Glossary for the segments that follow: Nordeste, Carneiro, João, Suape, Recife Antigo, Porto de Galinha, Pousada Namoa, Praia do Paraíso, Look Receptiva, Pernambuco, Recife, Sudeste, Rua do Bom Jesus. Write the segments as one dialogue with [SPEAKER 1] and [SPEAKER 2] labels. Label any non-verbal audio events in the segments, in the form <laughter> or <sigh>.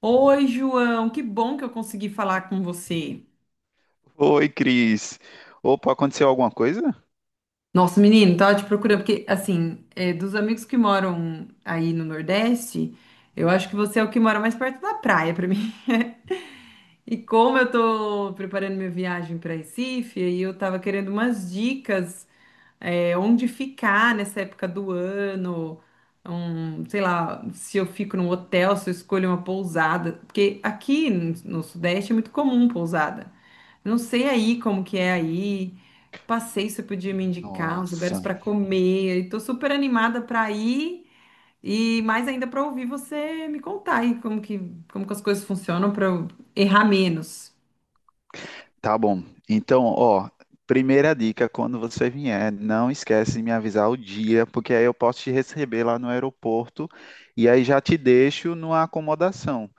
[SPEAKER 1] Oi, João, que bom que eu consegui falar com você.
[SPEAKER 2] Oi, Cris. Opa, aconteceu alguma coisa?
[SPEAKER 1] Nossa, menino, tava te procurando, porque, assim, é, dos amigos que moram aí no Nordeste, eu acho que você é o que mora mais perto da praia pra mim. <laughs> E como eu tô preparando minha viagem pra Recife, aí eu tava querendo umas dicas, é, onde ficar nessa época do ano, sei lá, se eu fico num hotel, se eu escolho uma pousada, porque aqui no Sudeste é muito comum pousada. Eu não sei aí como que é aí. Que passeio você podia me indicar, os
[SPEAKER 2] Nossa.
[SPEAKER 1] lugares para comer. Estou super animada para ir e mais ainda para ouvir você me contar aí como que as coisas funcionam para eu errar menos.
[SPEAKER 2] Tá bom. Então, ó, primeira dica, quando você vier, não esquece de me avisar o dia, porque aí eu posso te receber lá no aeroporto e aí já te deixo numa acomodação.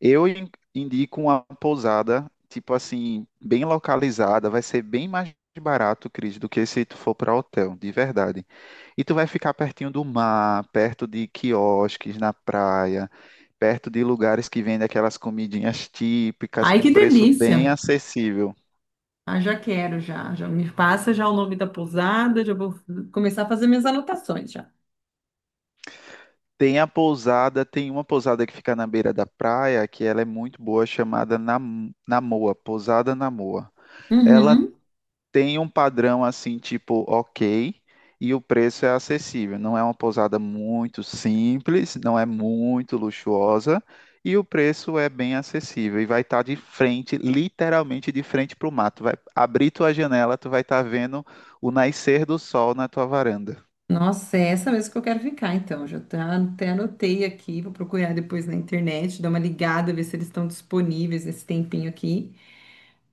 [SPEAKER 2] Eu indico uma pousada, tipo assim, bem localizada, vai ser bem mais barato, Cris, do que se tu for para hotel, de verdade. E tu vai ficar pertinho do mar, perto de quiosques na praia, perto de lugares que vendem aquelas comidinhas típicas
[SPEAKER 1] Ai,
[SPEAKER 2] com
[SPEAKER 1] que
[SPEAKER 2] preço
[SPEAKER 1] delícia!
[SPEAKER 2] bem acessível.
[SPEAKER 1] Ah, já quero, já. Já me passa já o nome da pousada, já vou começar a fazer minhas anotações já.
[SPEAKER 2] Tem a pousada, tem uma pousada que fica na beira da praia, que ela é muito boa, chamada Namoa, Pousada Namoa. Ela
[SPEAKER 1] Uhum.
[SPEAKER 2] tem um padrão assim, tipo, ok, e o preço é acessível. Não é uma pousada muito simples, não é muito luxuosa, e o preço é bem acessível. E vai estar de frente, literalmente de frente para o mato. Vai abrir tua janela, tu vai estar vendo o nascer do sol na tua varanda.
[SPEAKER 1] Nossa, é essa mesmo que eu quero ficar, então. Já tá, até anotei aqui, vou procurar depois na internet, dar uma ligada, ver se eles estão disponíveis nesse tempinho aqui.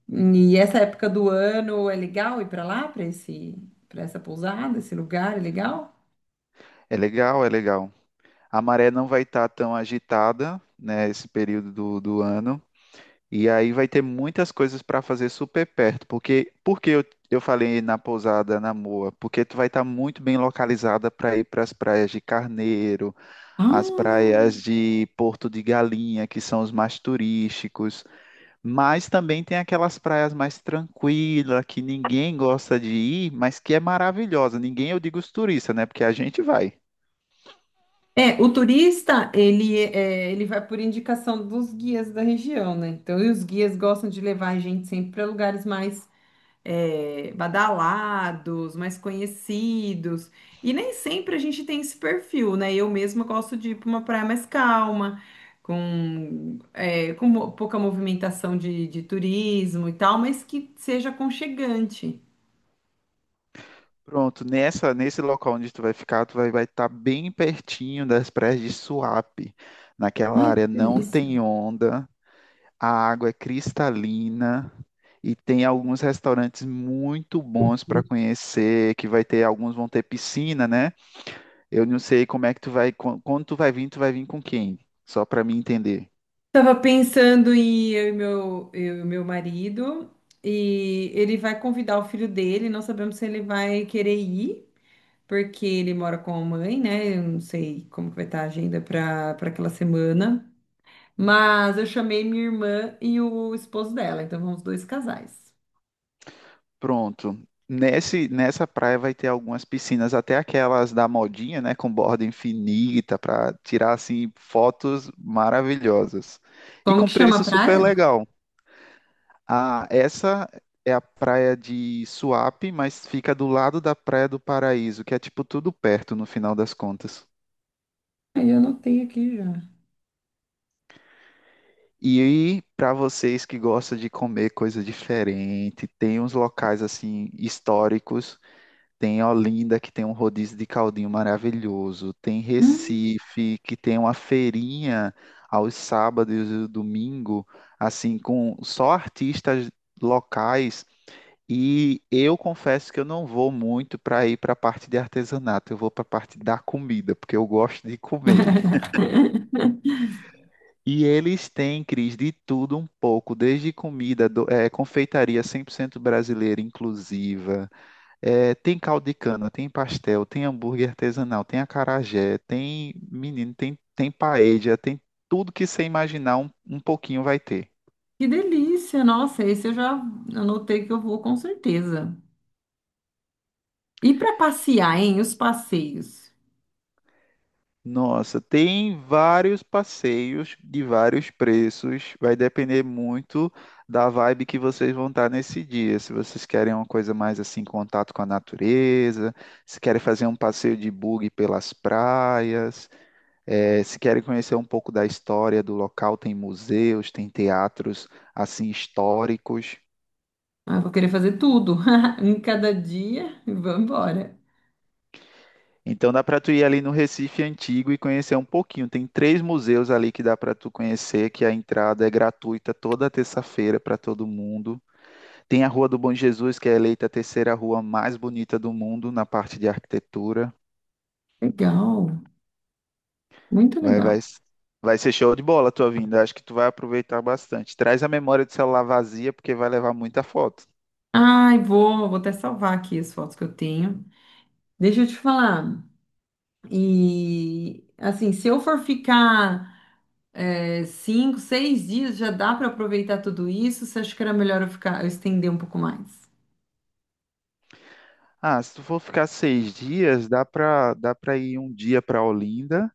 [SPEAKER 1] E essa época do ano é legal ir para lá, para esse, para essa pousada, esse lugar é legal?
[SPEAKER 2] É legal, é legal. A maré não vai estar tão agitada, né, esse período do ano. E aí vai ter muitas coisas para fazer super perto, porque eu falei na pousada na Moa, porque tu vai estar muito bem localizada para ir para as praias de Carneiro, as
[SPEAKER 1] Ah,
[SPEAKER 2] praias de Porto de Galinha, que são os mais turísticos, mas também tem aquelas praias mais tranquilas que ninguém gosta de ir, mas que é maravilhosa. Ninguém, eu digo os turistas, né? Porque a gente vai.
[SPEAKER 1] é, o turista, ele, é, ele vai por indicação dos guias da região, né? Então, e os guias gostam de levar a gente sempre para lugares mais é, badalados, mais conhecidos. E nem sempre a gente tem esse perfil, né? Eu mesma gosto de ir para uma praia mais calma, com, é, pouca movimentação de turismo e tal, mas que seja aconchegante.
[SPEAKER 2] Pronto, nessa, nesse local onde tu vai ficar, tu vai estar bem pertinho das praias de Suape. Naquela
[SPEAKER 1] Ai,
[SPEAKER 2] área
[SPEAKER 1] que
[SPEAKER 2] não
[SPEAKER 1] delícia.
[SPEAKER 2] tem onda, a água é cristalina e tem alguns restaurantes muito bons para conhecer, que vai ter, alguns vão ter piscina, né? Eu não sei como é que tu vai, quando tu vai vir com quem? Só para mim entender.
[SPEAKER 1] Estava pensando em eu e meu marido, e ele vai convidar o filho dele, não sabemos se ele vai querer ir, porque ele mora com a mãe, né? Eu não sei como que vai estar a agenda para aquela semana. Mas eu chamei minha irmã e o esposo dela, então vamos dois casais.
[SPEAKER 2] Pronto. Nesse, nessa praia vai ter algumas piscinas, até aquelas da modinha, né, com borda infinita, para tirar assim fotos maravilhosas. E
[SPEAKER 1] Como
[SPEAKER 2] com
[SPEAKER 1] que chama a
[SPEAKER 2] preço super
[SPEAKER 1] praia?
[SPEAKER 2] legal. Ah, essa é a praia de Suape, mas fica do lado da Praia do Paraíso, que é tipo tudo perto no final das contas.
[SPEAKER 1] Aí eu anotei aqui já.
[SPEAKER 2] E para vocês que gostam de comer coisa diferente, tem uns locais assim históricos. Tem Olinda, que tem um rodízio de caldinho maravilhoso. Tem
[SPEAKER 1] Hum,
[SPEAKER 2] Recife, que tem uma feirinha aos sábados e domingo, assim, com só artistas locais. E eu confesso que eu não vou muito para ir para a parte de artesanato, eu vou para a parte da comida, porque eu gosto de comer.
[SPEAKER 1] <laughs>
[SPEAKER 2] E eles têm, Cris, de tudo um pouco, desde comida, confeitaria 100% brasileira, inclusiva. É, tem caldo de cana, tem pastel, tem hambúrguer artesanal, tem acarajé, tem menino, tem, tem paella, tem tudo que você imaginar um pouquinho vai ter.
[SPEAKER 1] que delícia! Nossa, esse eu já anotei que eu vou com certeza. E para passear, hein? Os passeios.
[SPEAKER 2] Nossa, tem vários passeios de vários preços, vai depender muito da vibe que vocês vão estar nesse dia. Se vocês querem uma coisa mais assim, contato com a natureza, se querem fazer um passeio de buggy pelas praias. É, se querem conhecer um pouco da história do local, tem museus, tem teatros assim históricos.
[SPEAKER 1] Ah, eu vou querer fazer tudo <laughs> em cada dia e vamos embora.
[SPEAKER 2] Então dá para tu ir ali no Recife Antigo e conhecer um pouquinho. Tem três museus ali que dá para tu conhecer, que a entrada é gratuita toda terça-feira para todo mundo. Tem a Rua do Bom Jesus, que é eleita a terceira rua mais bonita do mundo na parte de arquitetura.
[SPEAKER 1] Legal, muito
[SPEAKER 2] Vai,
[SPEAKER 1] legal.
[SPEAKER 2] vai, vai ser show de bola a tua vinda. Acho que tu vai aproveitar bastante. Traz a memória de celular vazia, porque vai levar muita foto.
[SPEAKER 1] Ai, vou, vou até salvar aqui as fotos que eu tenho. Deixa eu te falar. E assim, se eu for ficar é, cinco, seis dias, já dá para aproveitar tudo isso? Você acha que era melhor eu ficar, eu estender um pouco mais?
[SPEAKER 2] Ah, se tu for ficar 6 dias, dá para ir um dia para Olinda,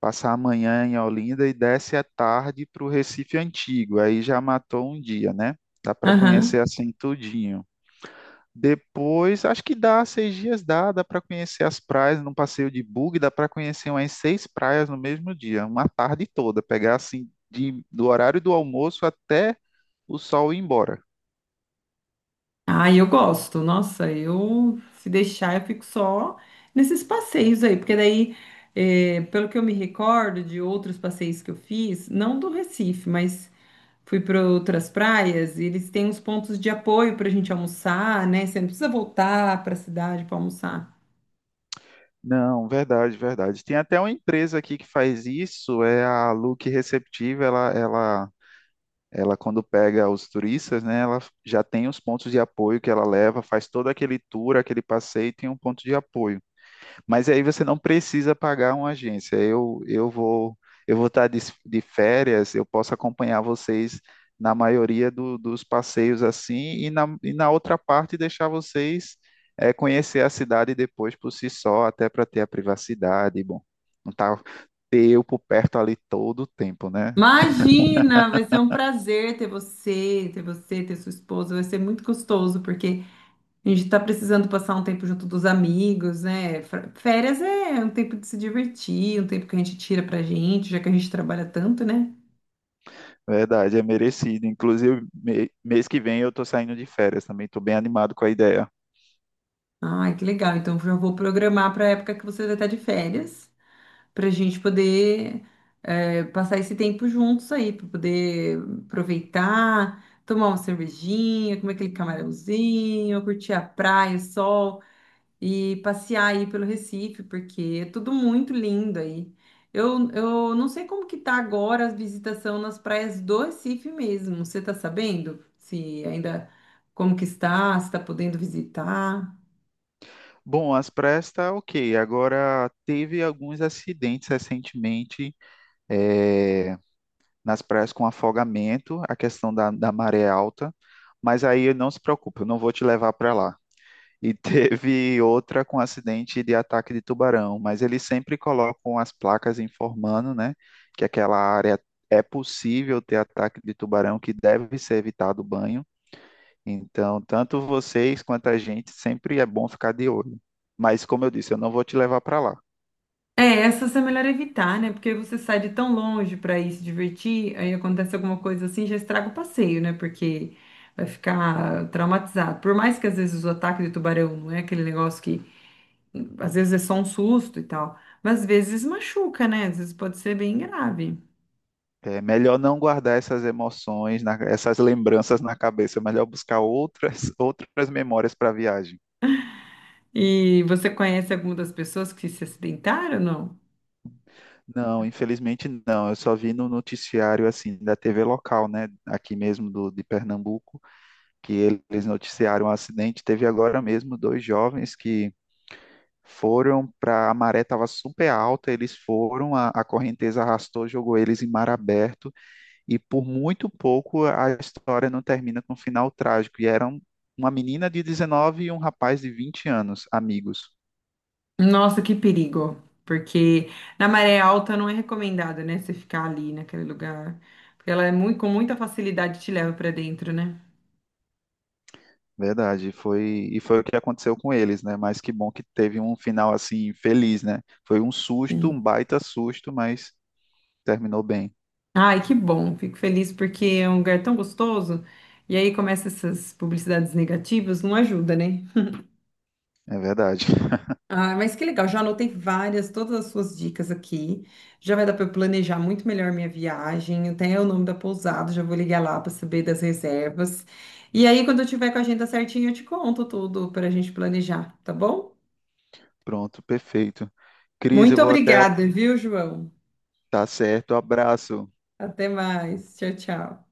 [SPEAKER 2] passar a manhã em Olinda e desce à tarde para o Recife Antigo. Aí já matou um dia, né? Dá para conhecer
[SPEAKER 1] Aham.
[SPEAKER 2] assim tudinho. Depois, acho que dá 6 dias, dá para conhecer as praias num passeio de bug, dá para conhecer umas seis praias no mesmo dia, uma tarde toda, pegar assim de, do horário do almoço até o sol ir embora.
[SPEAKER 1] Ah, eu gosto. Nossa, eu se deixar, eu fico só nesses passeios aí, porque daí, é, pelo que eu me recordo de outros passeios que eu fiz, não do Recife, mas fui para outras praias e eles têm uns pontos de apoio para a gente almoçar, né? Você não precisa voltar para a cidade para almoçar.
[SPEAKER 2] Não, verdade, verdade. Tem até uma empresa aqui que faz isso, é a Look Receptiva, ela quando pega os turistas, né, ela já tem os pontos de apoio que ela leva, faz todo aquele tour, aquele passeio, e tem um ponto de apoio. Mas aí você não precisa pagar uma agência. Eu vou estar de, férias, eu posso acompanhar vocês na maioria dos passeios assim, e na outra parte deixar vocês conhecer a cidade depois por si só, até para ter a privacidade. Bom, não tá ter eu por perto ali todo o tempo, né?
[SPEAKER 1] Imagina, vai ser um prazer ter você, ter sua esposa. Vai ser muito gostoso porque a gente está precisando passar um tempo junto dos amigos, né? Férias é um tempo de se divertir, um tempo que a gente tira pra gente, já que a gente trabalha tanto, né?
[SPEAKER 2] Verdade, é merecido. Inclusive, mês que vem eu estou saindo de férias também. Estou bem animado com a ideia.
[SPEAKER 1] Ai, que legal. Então já vou programar para a época que você vai estar de férias, para a gente poder passar esse tempo juntos aí, para poder aproveitar, tomar uma cervejinha, comer aquele camarãozinho, curtir a praia, o sol e passear aí pelo Recife, porque é tudo muito lindo aí. Eu não sei como que tá agora a visitação nas praias do Recife mesmo. Você tá sabendo? Se ainda como que está, se está podendo visitar?
[SPEAKER 2] Bom, as praias tá ok. Agora, teve alguns acidentes recentemente eh, nas praias com afogamento, a questão da maré alta, mas aí não se preocupe, eu não vou te levar para lá. E <laughs> teve outra com acidente de ataque de tubarão, mas eles sempre colocam as placas informando, né, que aquela área é possível ter ataque de tubarão, que deve ser evitado o banho. Então, tanto vocês quanto a gente, sempre é bom ficar de olho. Mas, como eu disse, eu não vou te levar para lá.
[SPEAKER 1] É, essas é melhor evitar, né? Porque você sai de tão longe para ir se divertir, aí acontece alguma coisa assim, já estraga o passeio, né? Porque vai ficar traumatizado. Por mais que às vezes o ataque de tubarão não é aquele negócio que às vezes é só um susto e tal, mas às vezes machuca, né? Às vezes pode ser bem grave.
[SPEAKER 2] É melhor não guardar essas emoções, essas lembranças na cabeça. É melhor buscar outras, <laughs> outras memórias para a viagem.
[SPEAKER 1] E você conhece alguma das pessoas que se acidentaram, não?
[SPEAKER 2] Não, infelizmente não. Eu só vi no noticiário assim da TV local, né, aqui mesmo do, de Pernambuco, que eles noticiaram um acidente. Teve agora mesmo dois jovens que foram para a maré estava super alta, eles foram, a correnteza arrastou, jogou eles em mar aberto e por muito pouco a história não termina com um final trágico. E eram uma menina de 19 e um rapaz de 20 anos, amigos.
[SPEAKER 1] Nossa, que perigo. Porque na maré alta não é recomendado, né? Você ficar ali naquele lugar. Porque ela é muito, com muita facilidade te leva pra dentro, né?
[SPEAKER 2] Verdade, foi e foi o que aconteceu com eles, né? Mas que bom que teve um final assim feliz, né? Foi um susto, um
[SPEAKER 1] Sim.
[SPEAKER 2] baita susto, mas terminou bem.
[SPEAKER 1] Ai, que bom. Fico feliz porque é um lugar tão gostoso. E aí começa essas publicidades negativas, não ajuda, né?
[SPEAKER 2] É verdade. <laughs>
[SPEAKER 1] Ah, mas que legal, já anotei várias, todas as suas dicas aqui. Já vai dar para eu planejar muito melhor minha viagem, até o nome da pousada, já vou ligar lá para saber das reservas. E aí, quando eu tiver com a agenda certinha, eu te conto tudo para a gente planejar, tá bom?
[SPEAKER 2] Pronto, perfeito. Cris, eu
[SPEAKER 1] Muito
[SPEAKER 2] vou até.
[SPEAKER 1] obrigada, viu, João?
[SPEAKER 2] Tá certo, abraço.
[SPEAKER 1] Até mais. Tchau, tchau.